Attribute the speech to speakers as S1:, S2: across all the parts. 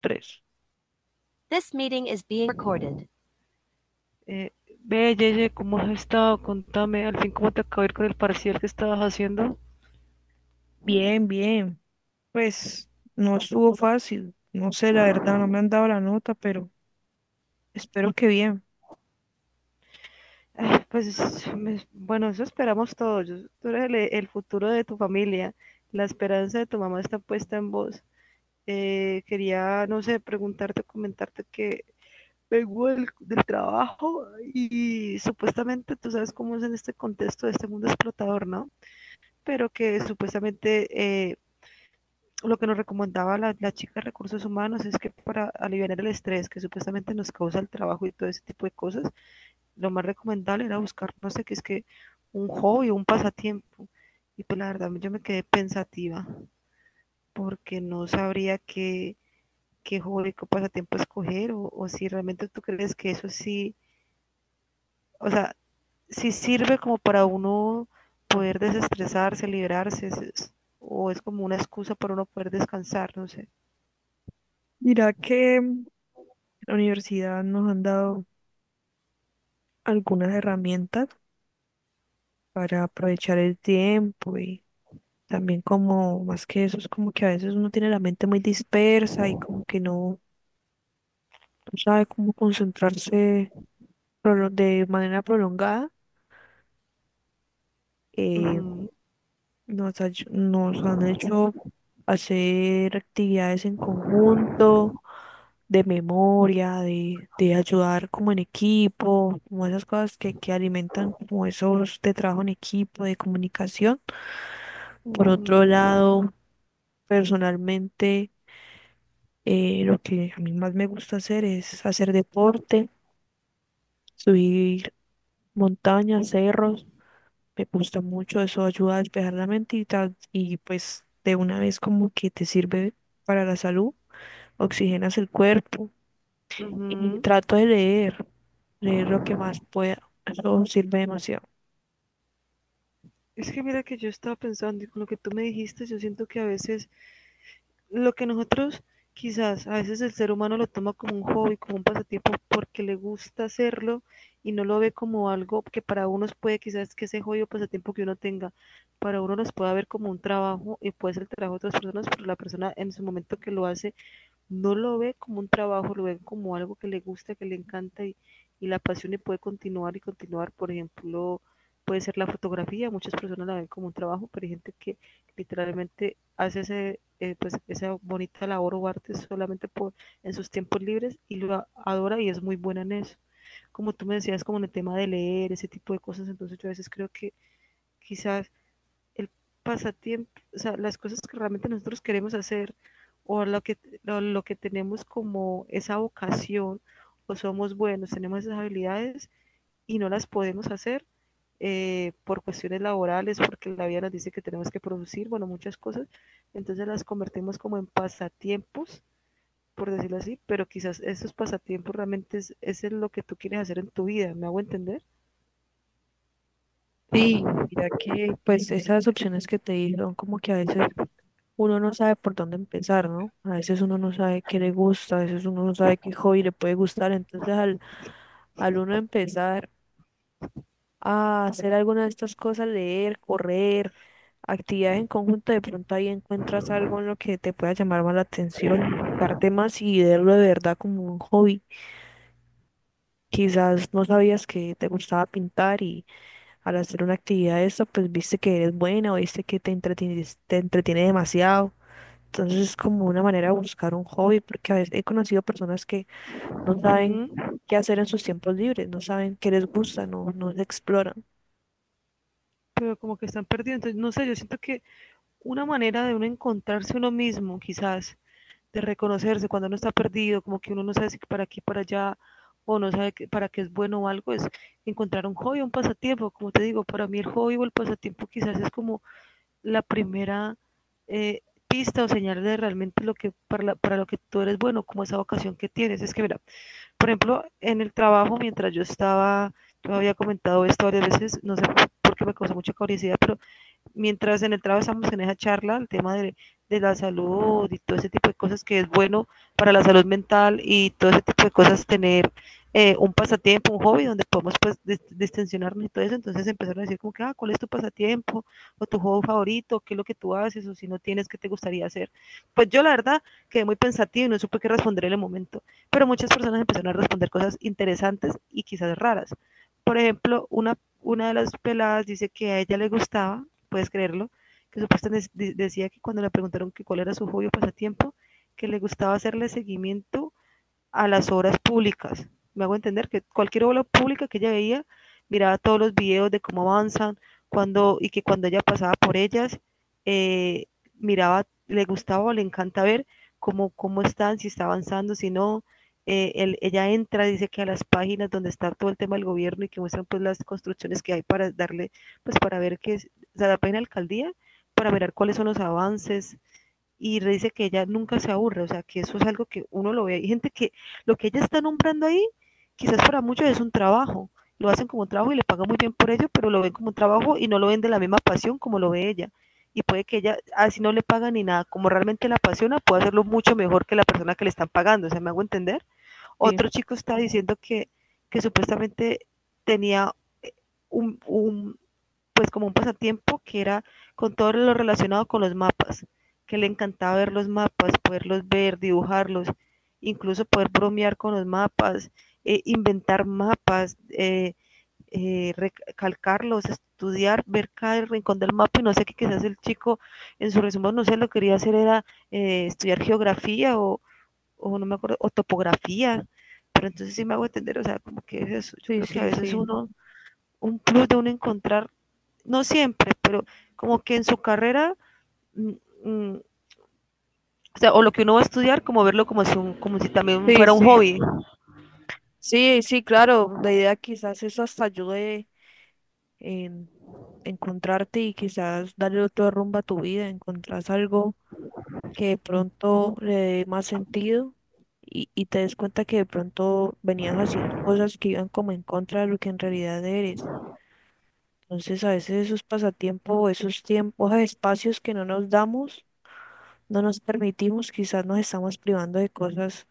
S1: Tres.
S2: This meeting is being recorded. Eh, Ve, Yeye, ¿cómo has estado? Contame, al fin, ¿cómo te acabó de ir con el parcial que estabas haciendo?
S1: Bien, bien. Pues no estuvo fácil. No sé, la verdad, no me han dado la nota, pero espero que bien.
S2: Ay, bueno, eso esperamos todos. Tú eres el futuro de tu familia. La esperanza de tu mamá está puesta en vos. Quería, no sé, preguntarte, comentarte que vengo del trabajo y supuestamente tú sabes cómo es en este contexto de este mundo explotador, ¿no? Pero que supuestamente eh, lo que nos recomendaba la chica de recursos humanos es que para aliviar el estrés que supuestamente nos causa el trabajo y todo ese tipo de cosas, lo más recomendable era buscar, no sé qué es que, un hobby, un pasatiempo. Y pues la verdad yo me quedé pensativa porque no sabría qué, qué hobby, qué pasatiempo escoger o si realmente tú crees que eso sí, o sea, sí sirve como para uno poder desestresarse, liberarse, o es como una excusa para uno poder descansar, no sé.
S1: Mira que la universidad nos han dado algunas herramientas para aprovechar el tiempo y también como, más que eso, es como que a veces uno tiene la mente muy dispersa y como que no sabe cómo concentrarse de manera prolongada. eh,
S2: Ujú.
S1: nos han hecho hacer actividades en conjunto, de memoria, de ayudar como en equipo, como esas cosas que alimentan como esos de trabajo en equipo, de comunicación. Por otro
S2: Ujú,
S1: lado, personalmente, lo que a mí más me gusta hacer es hacer deporte, subir montañas, cerros. Me gusta mucho, eso ayuda a despejar la mente y, tal, y pues de una vez como que te sirve para la salud, oxigenas el cuerpo y
S2: ujú.
S1: trato de leer, leer lo que más pueda, eso sirve demasiado.
S2: Es que mira que yo estaba pensando y con lo que tú me dijiste, yo siento que a veces lo que nosotros quizás, a veces el ser humano lo toma como un hobby, como un pasatiempo porque le gusta hacerlo y no lo ve como algo que para unos puede quizás que ese hobby o pasatiempo que uno tenga, para uno los pueda ver como un trabajo y puede ser el trabajo de otras personas, pero la persona en su momento que lo hace no lo ve como un trabajo, lo ve como algo que le gusta, que le encanta y la apasiona y puede continuar y continuar. Por ejemplo, puede ser la fotografía, muchas personas la ven como un trabajo, pero hay gente que literalmente hace ese, pues, esa bonita labor o arte solamente por, en sus tiempos libres y lo adora y es muy buena en eso. Como tú me decías, como en el tema de leer, ese tipo de cosas, entonces yo a veces creo que quizás el pasatiempo, o sea, las cosas que realmente nosotros queremos hacer o lo que, lo que tenemos como esa vocación o somos buenos, tenemos esas habilidades y no las podemos hacer por cuestiones laborales, porque la vida nos dice que tenemos que producir, bueno, muchas cosas, entonces las convertimos como en pasatiempos, por decirlo así, pero quizás esos pasatiempos realmente es lo que tú quieres hacer en tu vida, ¿me hago entender?
S1: Sí, mira que pues esas opciones que te di son como que a veces uno no sabe por dónde empezar, ¿no? A veces uno no sabe qué le gusta, a veces uno no sabe qué hobby le puede gustar, entonces al uno empezar a hacer alguna de estas cosas, leer, correr, actividades en conjunto, de pronto ahí encuentras algo en lo que te pueda llamar más la atención, y enfocarte más y verlo de verdad como un hobby. Quizás no sabías que te gustaba pintar y al hacer una actividad de esta, pues viste que eres buena o viste que te entretiene demasiado. Entonces es como una manera de buscar un hobby, porque a veces he conocido personas que no saben
S2: Ujú.
S1: qué hacer en sus tiempos libres, no saben qué les gusta, no se exploran.
S2: Pero como que están perdidos, entonces no sé, yo siento que una manera de uno encontrarse uno mismo, quizás, de reconocerse cuando uno está perdido, como que uno no sabe si para aquí, para allá, o no sabe para qué es bueno o algo, es encontrar un hobby, un pasatiempo. Como te digo, para mí el hobby o el pasatiempo quizás es como la primera eh, pista o señal de realmente lo que para, para lo que tú eres bueno, como esa vocación que tienes. Es que, mira, por ejemplo, en el trabajo, mientras yo estaba, yo había comentado esto varias veces, no sé por qué me causó mucha curiosidad, pero mientras en el trabajo estamos en esa charla, el tema de la salud y todo ese tipo de cosas que es bueno para la salud mental y todo ese tipo de cosas, tener un pasatiempo, un hobby donde podemos pues distensionarnos y todo eso. Entonces empezaron a decir como que, ah, ¿cuál es tu pasatiempo? ¿O tu hobby favorito? ¿Qué es lo que tú haces? ¿O si no tienes, qué te gustaría hacer? Pues yo la verdad quedé muy pensativa y no supe qué responder en el momento. Pero muchas personas empezaron a responder cosas interesantes y quizás raras. Por ejemplo, una de las peladas dice que a ella le gustaba puedes creerlo, que supuestamente decía que cuando le preguntaron que cuál era su hobby o pasatiempo, que le gustaba hacerle seguimiento a las obras públicas. Me hago entender que cualquier obra pública que ella veía, miraba todos los videos de cómo avanzan, cuando, y que cuando ella pasaba por ellas, eh, miraba, le gustaba o le encanta ver cómo, cómo están, si está avanzando, si no. Ella entra, dice que a las páginas donde está todo el tema del gobierno y que muestran pues las construcciones que hay para darle, pues para ver qué es, o sea, la página de alcaldía, para ver cuáles son los avances, y dice que ella nunca se aburre, o sea, que eso es algo que uno lo ve. Hay gente que lo que ella está nombrando ahí, quizás para muchos es un trabajo, lo hacen como un trabajo y le pagan muy bien por ello, pero lo ven como un trabajo y no lo ven de la misma pasión como lo ve ella. Y puede que ella, así no le pagan ni nada, como realmente la apasiona, puede hacerlo mucho mejor que la persona que le están pagando, o sea, me hago entender.
S1: Sí,
S2: Otro chico está diciendo que supuestamente tenía eh, un, un, pues como un pasatiempo que era con todo lo relacionado con los mapas, que le encantaba ver los mapas, poderlos ver, dibujarlos, incluso poder bromear con los mapas, inventar mapas, recalcarlos, estudiar, ver cada rincón del mapa y no sé qué quizás el chico en su resumen, no sé, lo que quería hacer era estudiar geografía o no me acuerdo, o topografía, pero entonces sí me hago entender, o sea, como que es eso, yo
S1: sí,
S2: creo que a
S1: sí,
S2: veces
S1: sí.
S2: uno, un plus de uno encontrar no siempre, pero como que en su carrera, mm, mm, o sea, o lo que uno va a estudiar, como verlo como si, un, como si también
S1: Sí,
S2: fuera un
S1: sí,
S2: hobby.
S1: sí, sí, claro. La idea quizás eso hasta ayude en encontrarte y quizás darle otro rumbo a tu vida, encontrás algo que de pronto le dé más sentido y te des cuenta que de pronto venías haciendo cosas que iban como en contra de lo que en realidad eres. Entonces a veces esos pasatiempos, esos tiempos, esos espacios que no nos damos, no nos permitimos, quizás nos estamos privando de cosas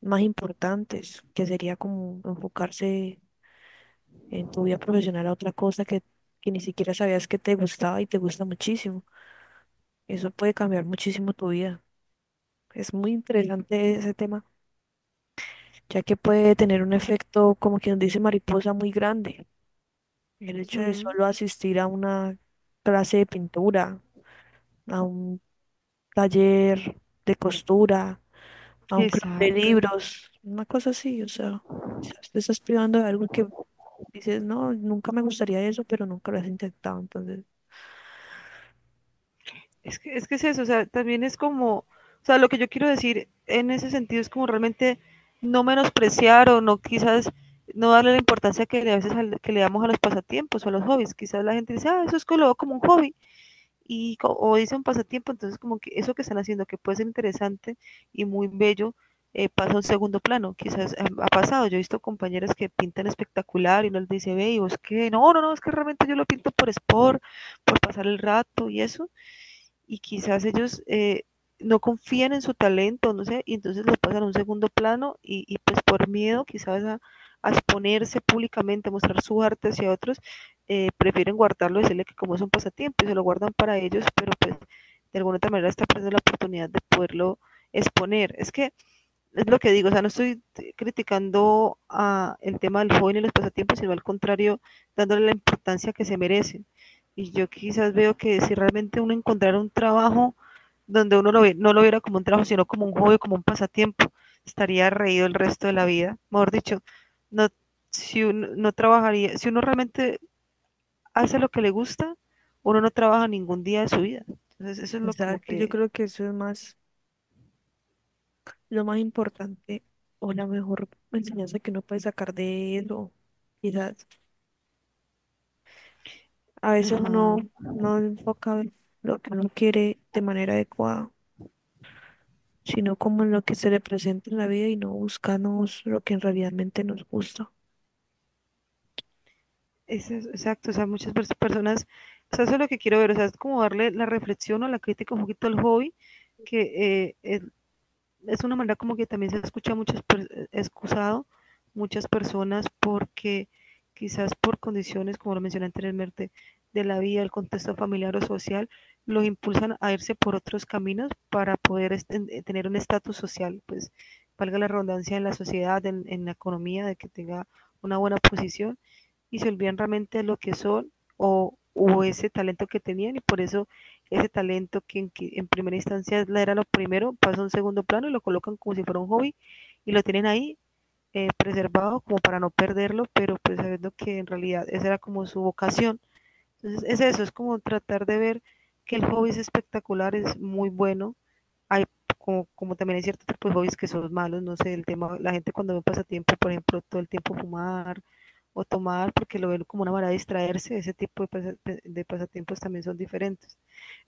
S1: más importantes, que sería como enfocarse en tu vida profesional a otra cosa que ni siquiera sabías que te gustaba y te gusta muchísimo. Eso puede cambiar muchísimo tu vida. Es muy interesante ese tema, ya que puede tener un efecto, como quien dice mariposa, muy grande. El hecho de
S2: Ujú.
S1: solo asistir a una clase de pintura, a un taller de costura, a un club de
S2: Exacto.
S1: libros, una cosa así, o sea, quizás te estás privando de algo que dices, no, nunca me gustaría eso, pero nunca lo has intentado, entonces.
S2: Es que es eso, o sea, también es como, o sea, lo que yo quiero decir en ese sentido es como realmente no menospreciar o no quizás no darle la importancia que le, a veces que le damos a los pasatiempos o a los hobbies. Quizás la gente dice, ah, eso es que lo veo como un hobby. O dice un pasatiempo, entonces como que eso que están haciendo, que puede ser interesante y muy bello, pasa a un segundo plano. Quizás ha pasado, yo he visto compañeras que pintan espectacular y uno les dice, ve, y vos qué, no, no, no, es que realmente yo lo pinto por sport, por pasar el rato y eso, y quizás ellos no confían en su talento, no sé, y entonces lo pasan a un segundo plano y pues por miedo quizás a, exponerse públicamente, a mostrar su arte hacia otros, prefieren guardarlo, decirle que como es un pasatiempo y se lo guardan para ellos, pero pues de alguna otra manera está perdiendo la oportunidad de poderlo exponer. Es que es lo que digo, o sea, no estoy criticando a el tema del joven y los pasatiempos, sino al contrario, dándole la importancia que se merecen. Y yo quizás veo que si realmente uno encontrara un trabajo donde uno lo, ve, no lo viera como un trabajo, sino como un hobby, como un pasatiempo, estaría reído el resto de la vida. Mejor dicho, no, si uno, no trabajaría, si uno realmente hace lo que le gusta, uno no trabaja ningún día de su vida. Entonces, eso es lo como
S1: Exacto, yo
S2: que...
S1: creo que eso es más, lo más importante o la mejor enseñanza que uno puede sacar de eso. Quizás a veces
S2: Ajá.
S1: uno no enfoca lo que uno quiere de manera adecuada, sino como en lo que se le presenta en la vida y no buscamos lo que realmente nos gusta.
S2: Exacto, o sea, personas, o sea, eso es lo que quiero ver, o sea, es como darle la reflexión o la crítica un poquito al hobby, que es una manera como que también se escucha excusado muchas personas porque quizás por condiciones, como lo mencioné anteriormente, de la vida, el contexto familiar o social, los impulsan a irse por otros caminos para poder tener un estatus social, pues valga la redundancia en la sociedad, en la economía, de que tenga una buena posición y se olvidan realmente de lo que son o ese talento que tenían y por eso ese talento que en primera instancia era lo primero pasa a un segundo plano y lo colocan como si fuera un hobby y lo tienen ahí preservado como para no perderlo, pero pues sabiendo que en realidad esa era como su vocación. Entonces es eso, es como tratar de ver que el hobby es espectacular, es muy bueno, hay, como, como también hay cierto tipo de hobbies que son malos, no sé, el tema, la gente cuando ve un pasatiempo, por ejemplo, todo el tiempo fumar o tomar, porque lo ven como una manera de distraerse, ese tipo de, de pasatiempos también son diferentes.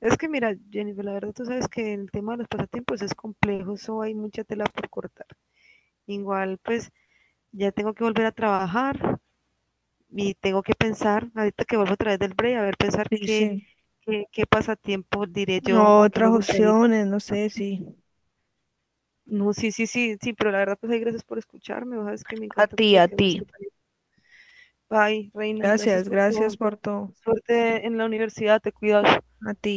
S2: Es que mira, Jennifer, la verdad tú sabes que el tema de los pasatiempos es complejo, eso hay mucha tela por cortar. Igual, pues ya tengo que volver a trabajar y tengo que pensar, ahorita que vuelvo a través del break, a ver, pensar
S1: Sí,
S2: qué,
S1: sí.
S2: qué pasatiempo diré yo
S1: No,
S2: o qué me
S1: otras
S2: gustaría.
S1: opciones, no sé si.
S2: No, sí, sí, sí, sí, pero la verdad, pues, ahí gracias por escucharme, vos sabes que me
S1: A
S2: encanta,
S1: ti,
S2: pues, la
S1: a
S2: que me
S1: ti.
S2: escuchas. Bye, reina, gracias
S1: Gracias,
S2: por todo.
S1: gracias por todo.
S2: Suerte en la universidad, te cuidas.
S1: A ti.